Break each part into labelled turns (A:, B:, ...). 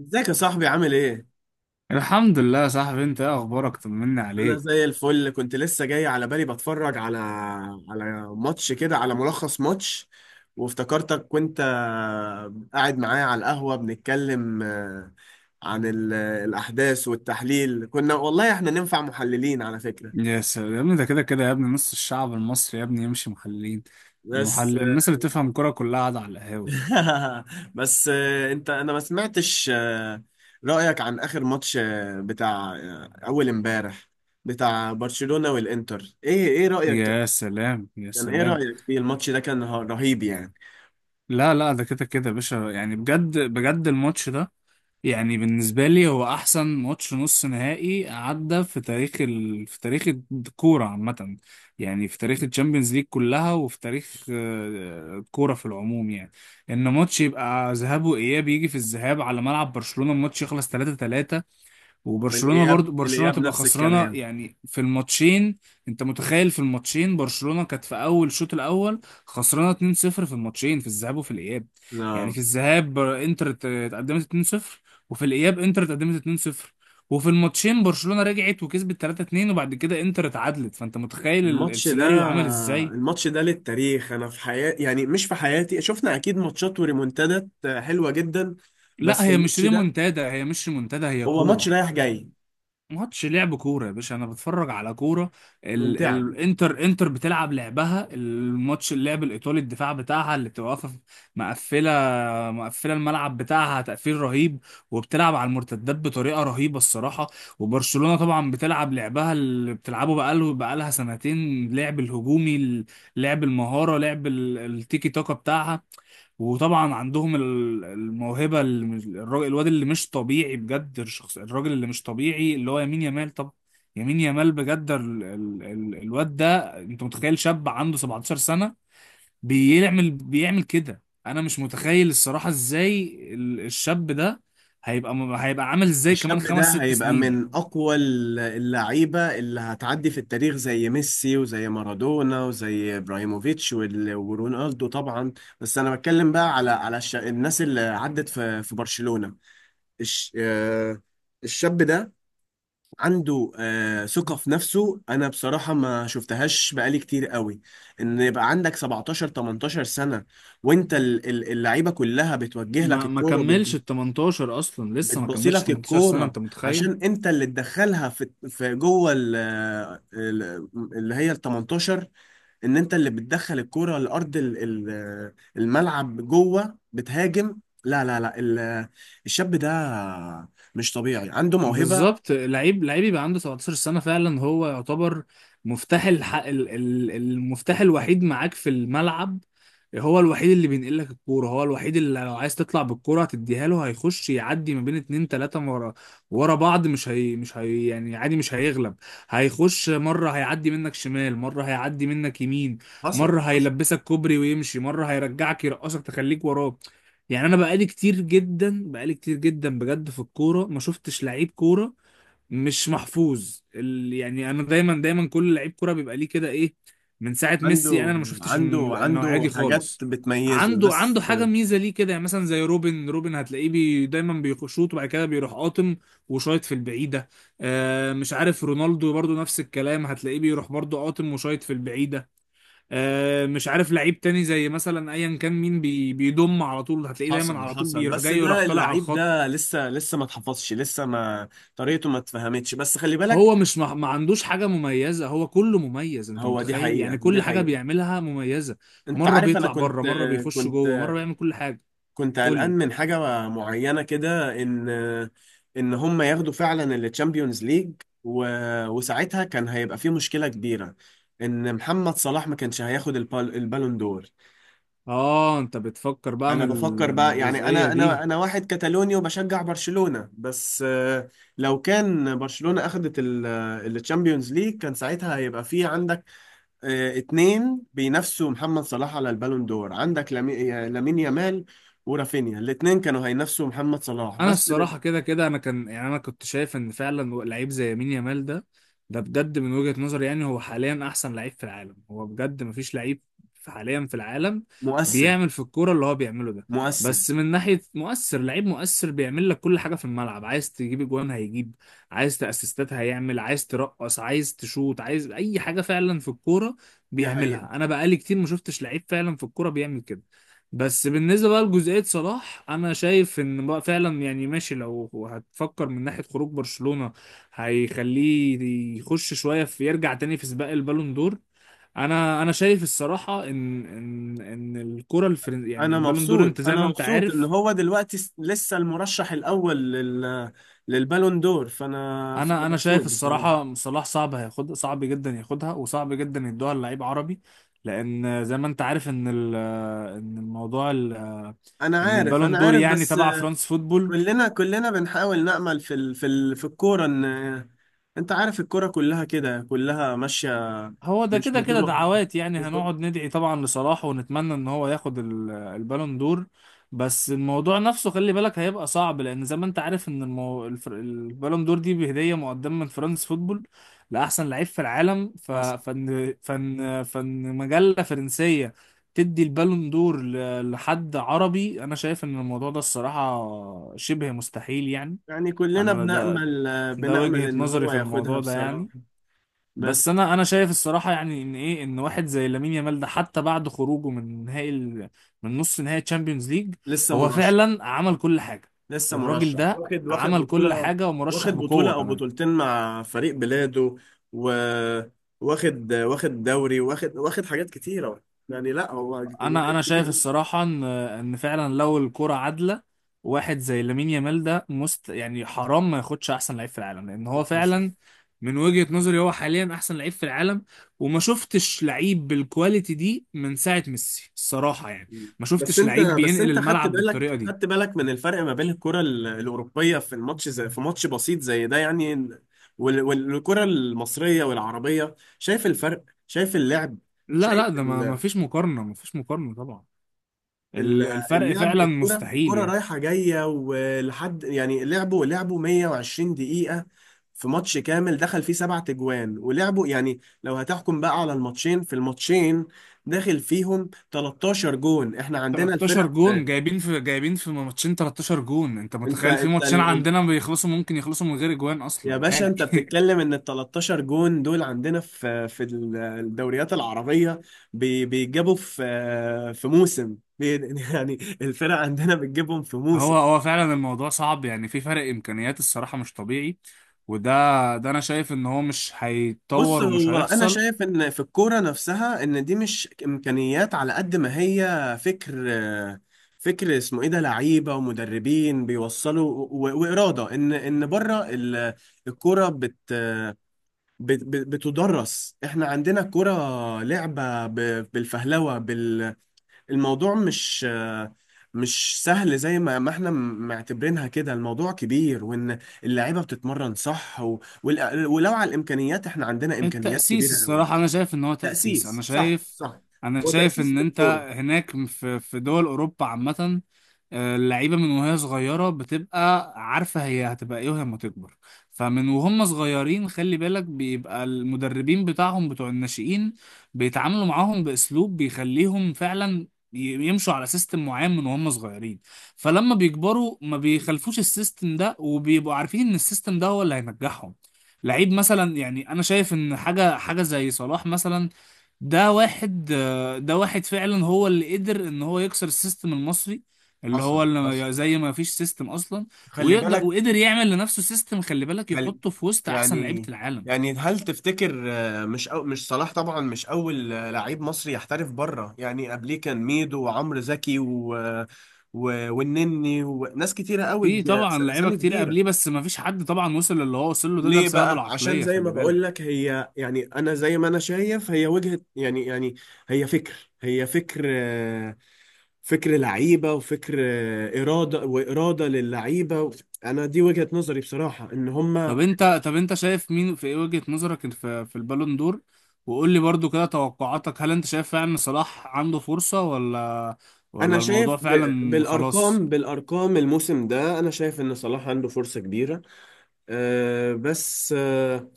A: ازيك يا صاحبي؟ عامل ايه؟
B: الحمد لله يا صاحبي. انت ايه اخبارك؟ طمني
A: انا
B: عليك.
A: زي الفل. كنت لسه جاي على بالي، بتفرج على ماتش كده، على ملخص ماتش، وافتكرتك وانت قاعد معايا على القهوة بنتكلم، عن الاحداث والتحليل. كنا والله احنا ننفع محللين على فكرة.
B: يا سلام يا ابني، ده كده كده يا ابني نص الشعب المصري يا ابني يمشي محللين.
A: بس
B: المحلل الناس اللي تفهم كرة كلها قاعدة على القهاوي.
A: بس، انت انا ما سمعتش رأيك عن اخر ماتش، بتاع اول امبارح، بتاع برشلونة والانتر. ايه رأيك؟
B: يا سلام يا
A: كان ايه
B: سلام.
A: رأيك فيه؟ الماتش ده كان رهيب يعني.
B: لا لا، ده كده كده يا باشا، يعني بجد بجد الماتش ده يعني بالنسبة لي هو أحسن ماتش نص نهائي عدى في تاريخ الكورة عامة. يعني في تاريخ الشامبيونز ليج كلها وفي تاريخ الكورة في العموم، يعني إن ماتش يبقى ذهاب وإياب، يجي في الذهاب على ملعب برشلونة الماتش يخلص 3-3، وبرشلونة
A: والاياب،
B: برضو برشلونة تبقى
A: نفس
B: خسرانة
A: الكلام.
B: يعني في الماتشين. انت متخيل؟ في الماتشين برشلونة كانت في اول الشوط الاول خسرانة 2-0 في الماتشين، في الذهاب وفي الاياب. يعني
A: لا.
B: في الذهاب انتر اتقدمت 2-0، وفي الاياب انتر اتقدمت 2-0، وفي الماتشين برشلونة رجعت وكسبت 3-2، وبعد كده انتر اتعادلت. فانت متخيل
A: الماتش ده،
B: السيناريو عمل ازاي؟
A: الماتش ده للتاريخ. انا في حياتي، يعني مش في حياتي، شفنا اكيد ماتشات وريمونتادات حلوة جدا،
B: لا،
A: بس
B: هي مش
A: الماتش ده
B: ريمونتادا، هي مش ريمونتادا، هي
A: هو ماتش
B: كورة.
A: رايح جاي
B: ماتش لعب كوره يا باشا، انا بتفرج على كوره.
A: ممتع.
B: الانتر بتلعب لعبها، الماتش اللعب الايطالي، الدفاع بتاعها اللي بتبقى واقفه مقفله. مقفله الملعب بتاعها تقفيل رهيب، وبتلعب على المرتدات بطريقه رهيبه الصراحه. وبرشلونه طبعا بتلعب لعبها اللي بتلعبه بقالها سنتين، لعب الهجومي، لعب المهاره، لعب التيكي تاكا بتاعها. وطبعا عندهم الموهبة اللي الراجل الواد اللي مش طبيعي بجد، الشخص الراجل اللي مش طبيعي اللي هو يمين يامال. طب يمين يامال بجد، الواد ده انت متخيل؟ شاب عنده 17 سنة بيعمل كده، انا مش متخيل الصراحة ازاي الشاب ده هيبقى، هيبقى عامل ازاي كمان
A: الشاب ده
B: خمس ست
A: هيبقى
B: سنين؟
A: من اقوى اللعيبة اللي هتعدي في التاريخ، زي ميسي وزي مارادونا وزي ابراهيموفيتش ورونالدو طبعا. بس انا بتكلم بقى على الناس اللي عدت في برشلونة. الش... آه، الشاب ده عنده، ثقة في نفسه أنا بصراحة ما شفتهاش بقالي كتير قوي. إن يبقى عندك 17 18 سنة، وأنت اللعيبة كلها بتوجه لك
B: ما
A: الكورة،
B: كملش ال 18 اصلا، لسه ما
A: بتبصي
B: كملش
A: لك
B: 18 سنة،
A: الكورة،
B: انت متخيل؟
A: عشان أنت اللي تدخلها في جوه اللي هي ال 18. ان انت اللي بتدخل الكرة لارض الملعب، جوه بتهاجم. لا لا لا، الشاب ده مش طبيعي، عنده موهبة.
B: بالظبط، لعيب لعيب يبقى عنده 17 سنة فعلا هو يعتبر مفتاح المفتاح الوحيد معاك في الملعب. هو الوحيد اللي بينقل لك الكورة، هو الوحيد اللي لو عايز تطلع بالكورة هتديها له، هيخش يعدي ما بين اتنين تلاتة ورا ورا بعض، مش هي يعني عادي، مش هيغلب. هيخش مرة هيعدي منك شمال، مرة هيعدي منك يمين،
A: حصل
B: مرة
A: حصل.
B: هيلبسك كوبري ويمشي، مرة هيرجعك يرقصك تخليك وراك. يعني انا بقالي كتير جدا، بقالي كتير جدا بجد في الكوره ما شفتش لعيب كوره مش محفوظ. يعني انا دايما دايما كل لعيب كوره بيبقى ليه كده ايه. من ساعه ميسي يعني
A: عنده
B: انا ما شفتش النوعيه
A: عنده
B: دي
A: حاجات
B: خالص.
A: بتميزه
B: عنده
A: بس.
B: حاجه ميزه ليه كده، يعني مثلا زي روبن روبن هتلاقيه دايما بيشوط وبعد كده بيروح قاطم وشايط في البعيده. مش عارف، رونالدو برضو نفس الكلام هتلاقيه بيروح برضو قاطم وشايط في البعيده. مش عارف، لعيب تاني زي مثلا ايا كان مين بيضم على طول هتلاقيه دايما
A: حصل
B: على طول
A: حصل.
B: بيروح
A: بس
B: جاي ويروح
A: ده
B: طالع على
A: اللعيب ده
B: الخط.
A: لسه، ما اتحفظش لسه، ما طريقته ما اتفهمتش، بس خلي بالك.
B: هو مش ما, ما عندوش حاجة مميزة، هو كله مميز، انت
A: هو دي
B: متخيل؟
A: حقيقة،
B: يعني
A: دي
B: كل حاجة
A: حقيقة.
B: بيعملها مميزة.
A: انت
B: مرة
A: عارف، انا
B: بيطلع بره،
A: كنت،
B: مرة بيخش جوه،
A: كنت
B: مرة بيعمل كل حاجة.
A: كنت
B: قول
A: قلقان
B: لي.
A: من حاجة معينة كده، إن هم ياخدوا فعلا التشامبيونز ليج، و... وساعتها كان هيبقى في مشكلة كبيرة، إن محمد صلاح ما كانش هياخد البالون دور.
B: اه، انت بتفكر بقى
A: أنا بفكر
B: من
A: بقى، يعني
B: الجزئية دي.
A: أنا واحد كتالوني وبشجع برشلونة بس، لو كان برشلونة أخدت التشامبيونز ليج، كان ساعتها هيبقى في عندك، اتنين بينافسوا محمد صلاح على البالون دور. عندك لامين يامال ورافينيا، الاتنين كانوا هينافسوا محمد صلاح
B: انا
A: بس.
B: الصراحه كده كده انا كان يعني انا كنت شايف ان فعلا لعيب زي يمين يامال ده، ده بجد من وجهه نظري يعني هو حاليا احسن لعيب في العالم، هو بجد مفيش لعيب حاليا في العالم
A: مؤثر.
B: بيعمل في الكوره اللي هو بيعمله ده.
A: مؤثر.
B: بس من ناحيه مؤثر، لعيب مؤثر بيعمل لك كل حاجه في الملعب، عايز تجيب اجوان هيجيب، عايز تاسيستات هيعمل، عايز ترقص، عايز تشوط، عايز اي حاجه فعلا في الكوره
A: دي حقيقة.
B: بيعملها. انا بقالي كتير ما شفتش لعيب فعلا في الكوره بيعمل كده. بس بالنسبة بقى لجزئية صلاح، أنا شايف إن بقى فعلا يعني ماشي، لو هتفكر من ناحية خروج برشلونة هيخليه يخش شوية في، يرجع تاني في سباق البالون دور. أنا شايف الصراحة إن الكرة الفرن يعني
A: انا
B: البالون دور أنت
A: مبسوط،
B: زي ما
A: انا
B: أنت
A: مبسوط ان
B: عارف.
A: هو دلوقتي، لسه المرشح الاول للبالون دور. فانا
B: أنا
A: مبسوط
B: شايف
A: بصراحة.
B: الصراحة صلاح صعب هياخد، صعب جدا ياخدها، وصعب جدا يدوها للعيب عربي، لأن زي ما أنت عارف إن إن الموضوع
A: انا
B: إن
A: عارف،
B: البالون
A: انا
B: دور
A: عارف،
B: يعني
A: بس
B: تبع فرانس فوتبول.
A: كلنا، بنحاول نأمل في الكورة ان، انت عارف، الكورة كلها كده كلها ماشية.
B: هو ده
A: مش
B: كده كده
A: بطرق،
B: دعوات، يعني
A: مش
B: هنقعد ندعي طبعا لصلاح ونتمنى ان هو ياخد البالون دور. بس الموضوع نفسه خلي بالك هيبقى صعب، لان زي ما انت عارف ان البالون دور دي بهدية مقدمة من فرانس فوتبول لاحسن لعيب في العالم.
A: بطرق،
B: فن مجلة فرنسية تدي البالون دور لحد عربي؟ انا شايف ان الموضوع ده الصراحة شبه مستحيل يعني.
A: يعني كلنا
B: انا ده
A: بنأمل،
B: ده وجهة
A: إن
B: نظري
A: هو
B: في
A: ياخدها
B: الموضوع ده
A: بصراحة.
B: يعني. بس
A: بس
B: انا شايف الصراحه يعني ان ايه، ان واحد زي لامين يامال ده حتى بعد خروجه من من نص نهائي تشامبيونز ليج
A: لسه
B: هو
A: مرشح،
B: فعلا عمل كل حاجه.
A: لسه
B: الراجل
A: مرشح،
B: ده
A: واخد،
B: عمل كل
A: بطولة،
B: حاجه ومرشح
A: واخد بطولة
B: بقوه
A: أو
B: كمان.
A: بطولتين مع فريق بلاده، و، واخد، دوري، واخد، حاجات كتيرة. يعني لا هو لعيب
B: انا شايف
A: كتير
B: الصراحه ان فعلا لو الكره عادله، واحد زي لامين يامال ده يعني حرام ما ياخدش احسن لعيب في العالم، لان
A: أوي.
B: هو فعلا من وجهه نظري هو حاليا احسن لعيب في العالم، وما شفتش لعيب بالكواليتي دي من ساعه ميسي الصراحه يعني،
A: مم.
B: ما
A: بس
B: شفتش
A: انت،
B: لعيب بينقل
A: خدت
B: الملعب بالطريقه
A: بالك،
B: دي.
A: من الفرق ما بين الكرة الأوروبية في الماتش، زي في ماتش بسيط زي ده يعني، والكرة المصرية والعربية. شايف الفرق؟ شايف اللعب؟
B: لا
A: شايف
B: لا، ده ما فيش مقارنه، ما فيش مقارنه طبعا،
A: ال-
B: الفرق
A: اللعب؟
B: فعلا
A: الكرة،
B: مستحيل يعني.
A: رايحة جاية ولحد، يعني لعبوا، 120 دقيقة في ماتش كامل، دخل فيه سبعة تجوان، ولعبوا يعني. لو هتحكم بقى على الماتشين، في الماتشين داخل فيهم 13 جون، احنا عندنا
B: 13
A: الفرق.
B: جون جايبين في ماتشين، 13 جون انت
A: انت
B: متخيل؟ في
A: انت
B: ماتشين عندنا بيخلصوا ممكن يخلصوا من غير اجوان
A: يا
B: اصلا
A: باشا،
B: عادي
A: انت بتتكلم ان ال 13 جون دول عندنا في الدوريات العربية، بيجابوا في موسم، يعني الفرق عندنا بتجيبهم في موسم.
B: هو فعلا الموضوع صعب يعني، في فرق امكانيات الصراحة مش طبيعي. وده ده انا شايف ان هو مش
A: بص،
B: هيتطور ومش
A: هو انا
B: هيحصل.
A: شايف ان في الكورة نفسها، ان دي مش امكانيات على قد ما هي فكر. فكر اسمه ايه ده، لعيبة ومدربين بيوصلوا، و... وإرادة، ان بره الكورة، بتدرس. احنا عندنا كرة لعبة بالفهلوة، الموضوع مش، سهل زي ما، احنا معتبرينها كده. الموضوع كبير، وان اللعيبة بتتمرن صح، و... ولو على الامكانيات، احنا عندنا امكانيات
B: التأسيس
A: كبيرة قوي.
B: الصراحة أنا شايف إن هو تأسيس.
A: تأسيس، صح صح.
B: أنا
A: هو
B: شايف
A: تأسيس
B: إن
A: للكورة.
B: أنت هناك في دول أوروبا عامة، اللعيبة من وهي صغيرة بتبقى عارفة هي هتبقى إيه وهي لما تكبر. فمن وهم صغيرين خلي بالك بيبقى المدربين بتاعهم بتوع الناشئين بيتعاملوا معاهم بأسلوب بيخليهم فعلا يمشوا على سيستم معين من وهم صغيرين، فلما بيكبروا ما بيخلفوش السيستم ده، وبيبقوا عارفين إن السيستم ده هو اللي هينجحهم. لعيب مثلا، يعني انا شايف ان حاجه حاجه زي صلاح مثلا، ده واحد فعلا هو اللي قدر ان هو يكسر السيستم المصري اللي هو
A: حصل
B: اللي
A: حصل،
B: زي ما فيش سيستم اصلا،
A: خلي بالك.
B: وقدر يعمل لنفسه سيستم، خلي بالك
A: هل،
B: يحطه في وسط احسن لعيبه
A: يعني،
B: العالم.
A: هل تفتكر، مش، أو مش صلاح طبعا، مش اول، لعيب مصري يحترف بره؟ يعني قبليه كان ميدو وعمرو زكي، والنني وناس كتيره قوي،
B: في طبعا لعيبه
A: اسامي
B: كتير
A: كبيره.
B: قبليه، بس ما فيش حد طبعا وصل للي هو وصل له، ده
A: ليه
B: بسبب
A: بقى؟ عشان
B: العقليه
A: زي ما
B: خلي
A: بقول لك،
B: بالك.
A: هي يعني، انا زي ما انا شايف، هي وجهة، يعني، هي فكر، هي فكر آه، فكر لعيبه، وفكر، اراده واراده للعيبه. انا دي وجهة نظري بصراحه، ان هم،
B: طب انت شايف مين في ايه وجهة نظرك في البالون دور؟ وقول لي برضو كده توقعاتك، هل انت شايف فعلا صلاح عنده فرصة،
A: انا
B: ولا
A: شايف
B: الموضوع فعلا خلاص؟
A: بالارقام، الموسم ده، انا شايف ان صلاح عنده فرصة كبيرة. أه بس، أه،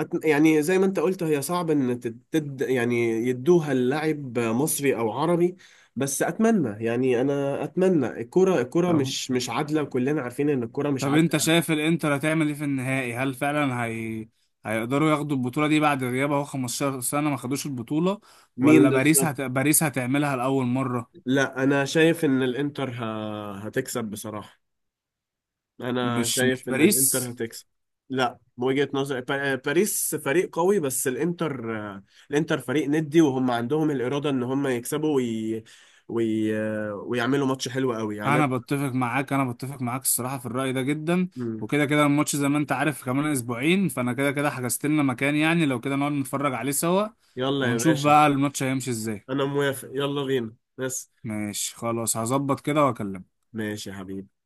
A: يعني زي ما انت قلت، هي صعب ان يعني يدوها للاعب مصري او عربي. بس اتمنى، يعني انا اتمنى. الكرة،
B: طب
A: مش، عادلة، وكلنا عارفين ان الكرة مش
B: طب
A: عادلة.
B: انت شايف الانتر هتعمل ايه في النهائي؟ هل فعلا هي هيقدروا ياخدوا البطولة دي بعد غياب اهو 15 سنة ما خدوش البطولة؟
A: مين
B: ولا باريس
A: بالظبط؟
B: باريس هتعملها لأول مرة؟
A: لا انا شايف ان الانتر، هتكسب بصراحة. انا
B: مش
A: شايف ان الانتر
B: باريس.
A: هتكسب. لا، بوجهة نظري، باريس فريق قوي، بس الانتر، الانتر فريق ندي، وهم عندهم الإرادة ان هم يكسبوا، وي... ويعملوا ماتش حلو قوي يعني. أنا...
B: انا بتفق معاك، انا بتفق معاك الصراحه في الراي ده جدا.
A: مم.
B: وكده كده الماتش زي ما انت عارف كمان اسبوعين، فانا كده كده حجزت لنا مكان، يعني لو كده نقعد نتفرج عليه سوا
A: يلا يا
B: ونشوف
A: باشا.
B: بقى الماتش هيمشي ازاي.
A: انا موافق، يلا بينا بس.
B: ماشي، خلاص هظبط كده واكلمك.
A: ماشي يا حبيبي.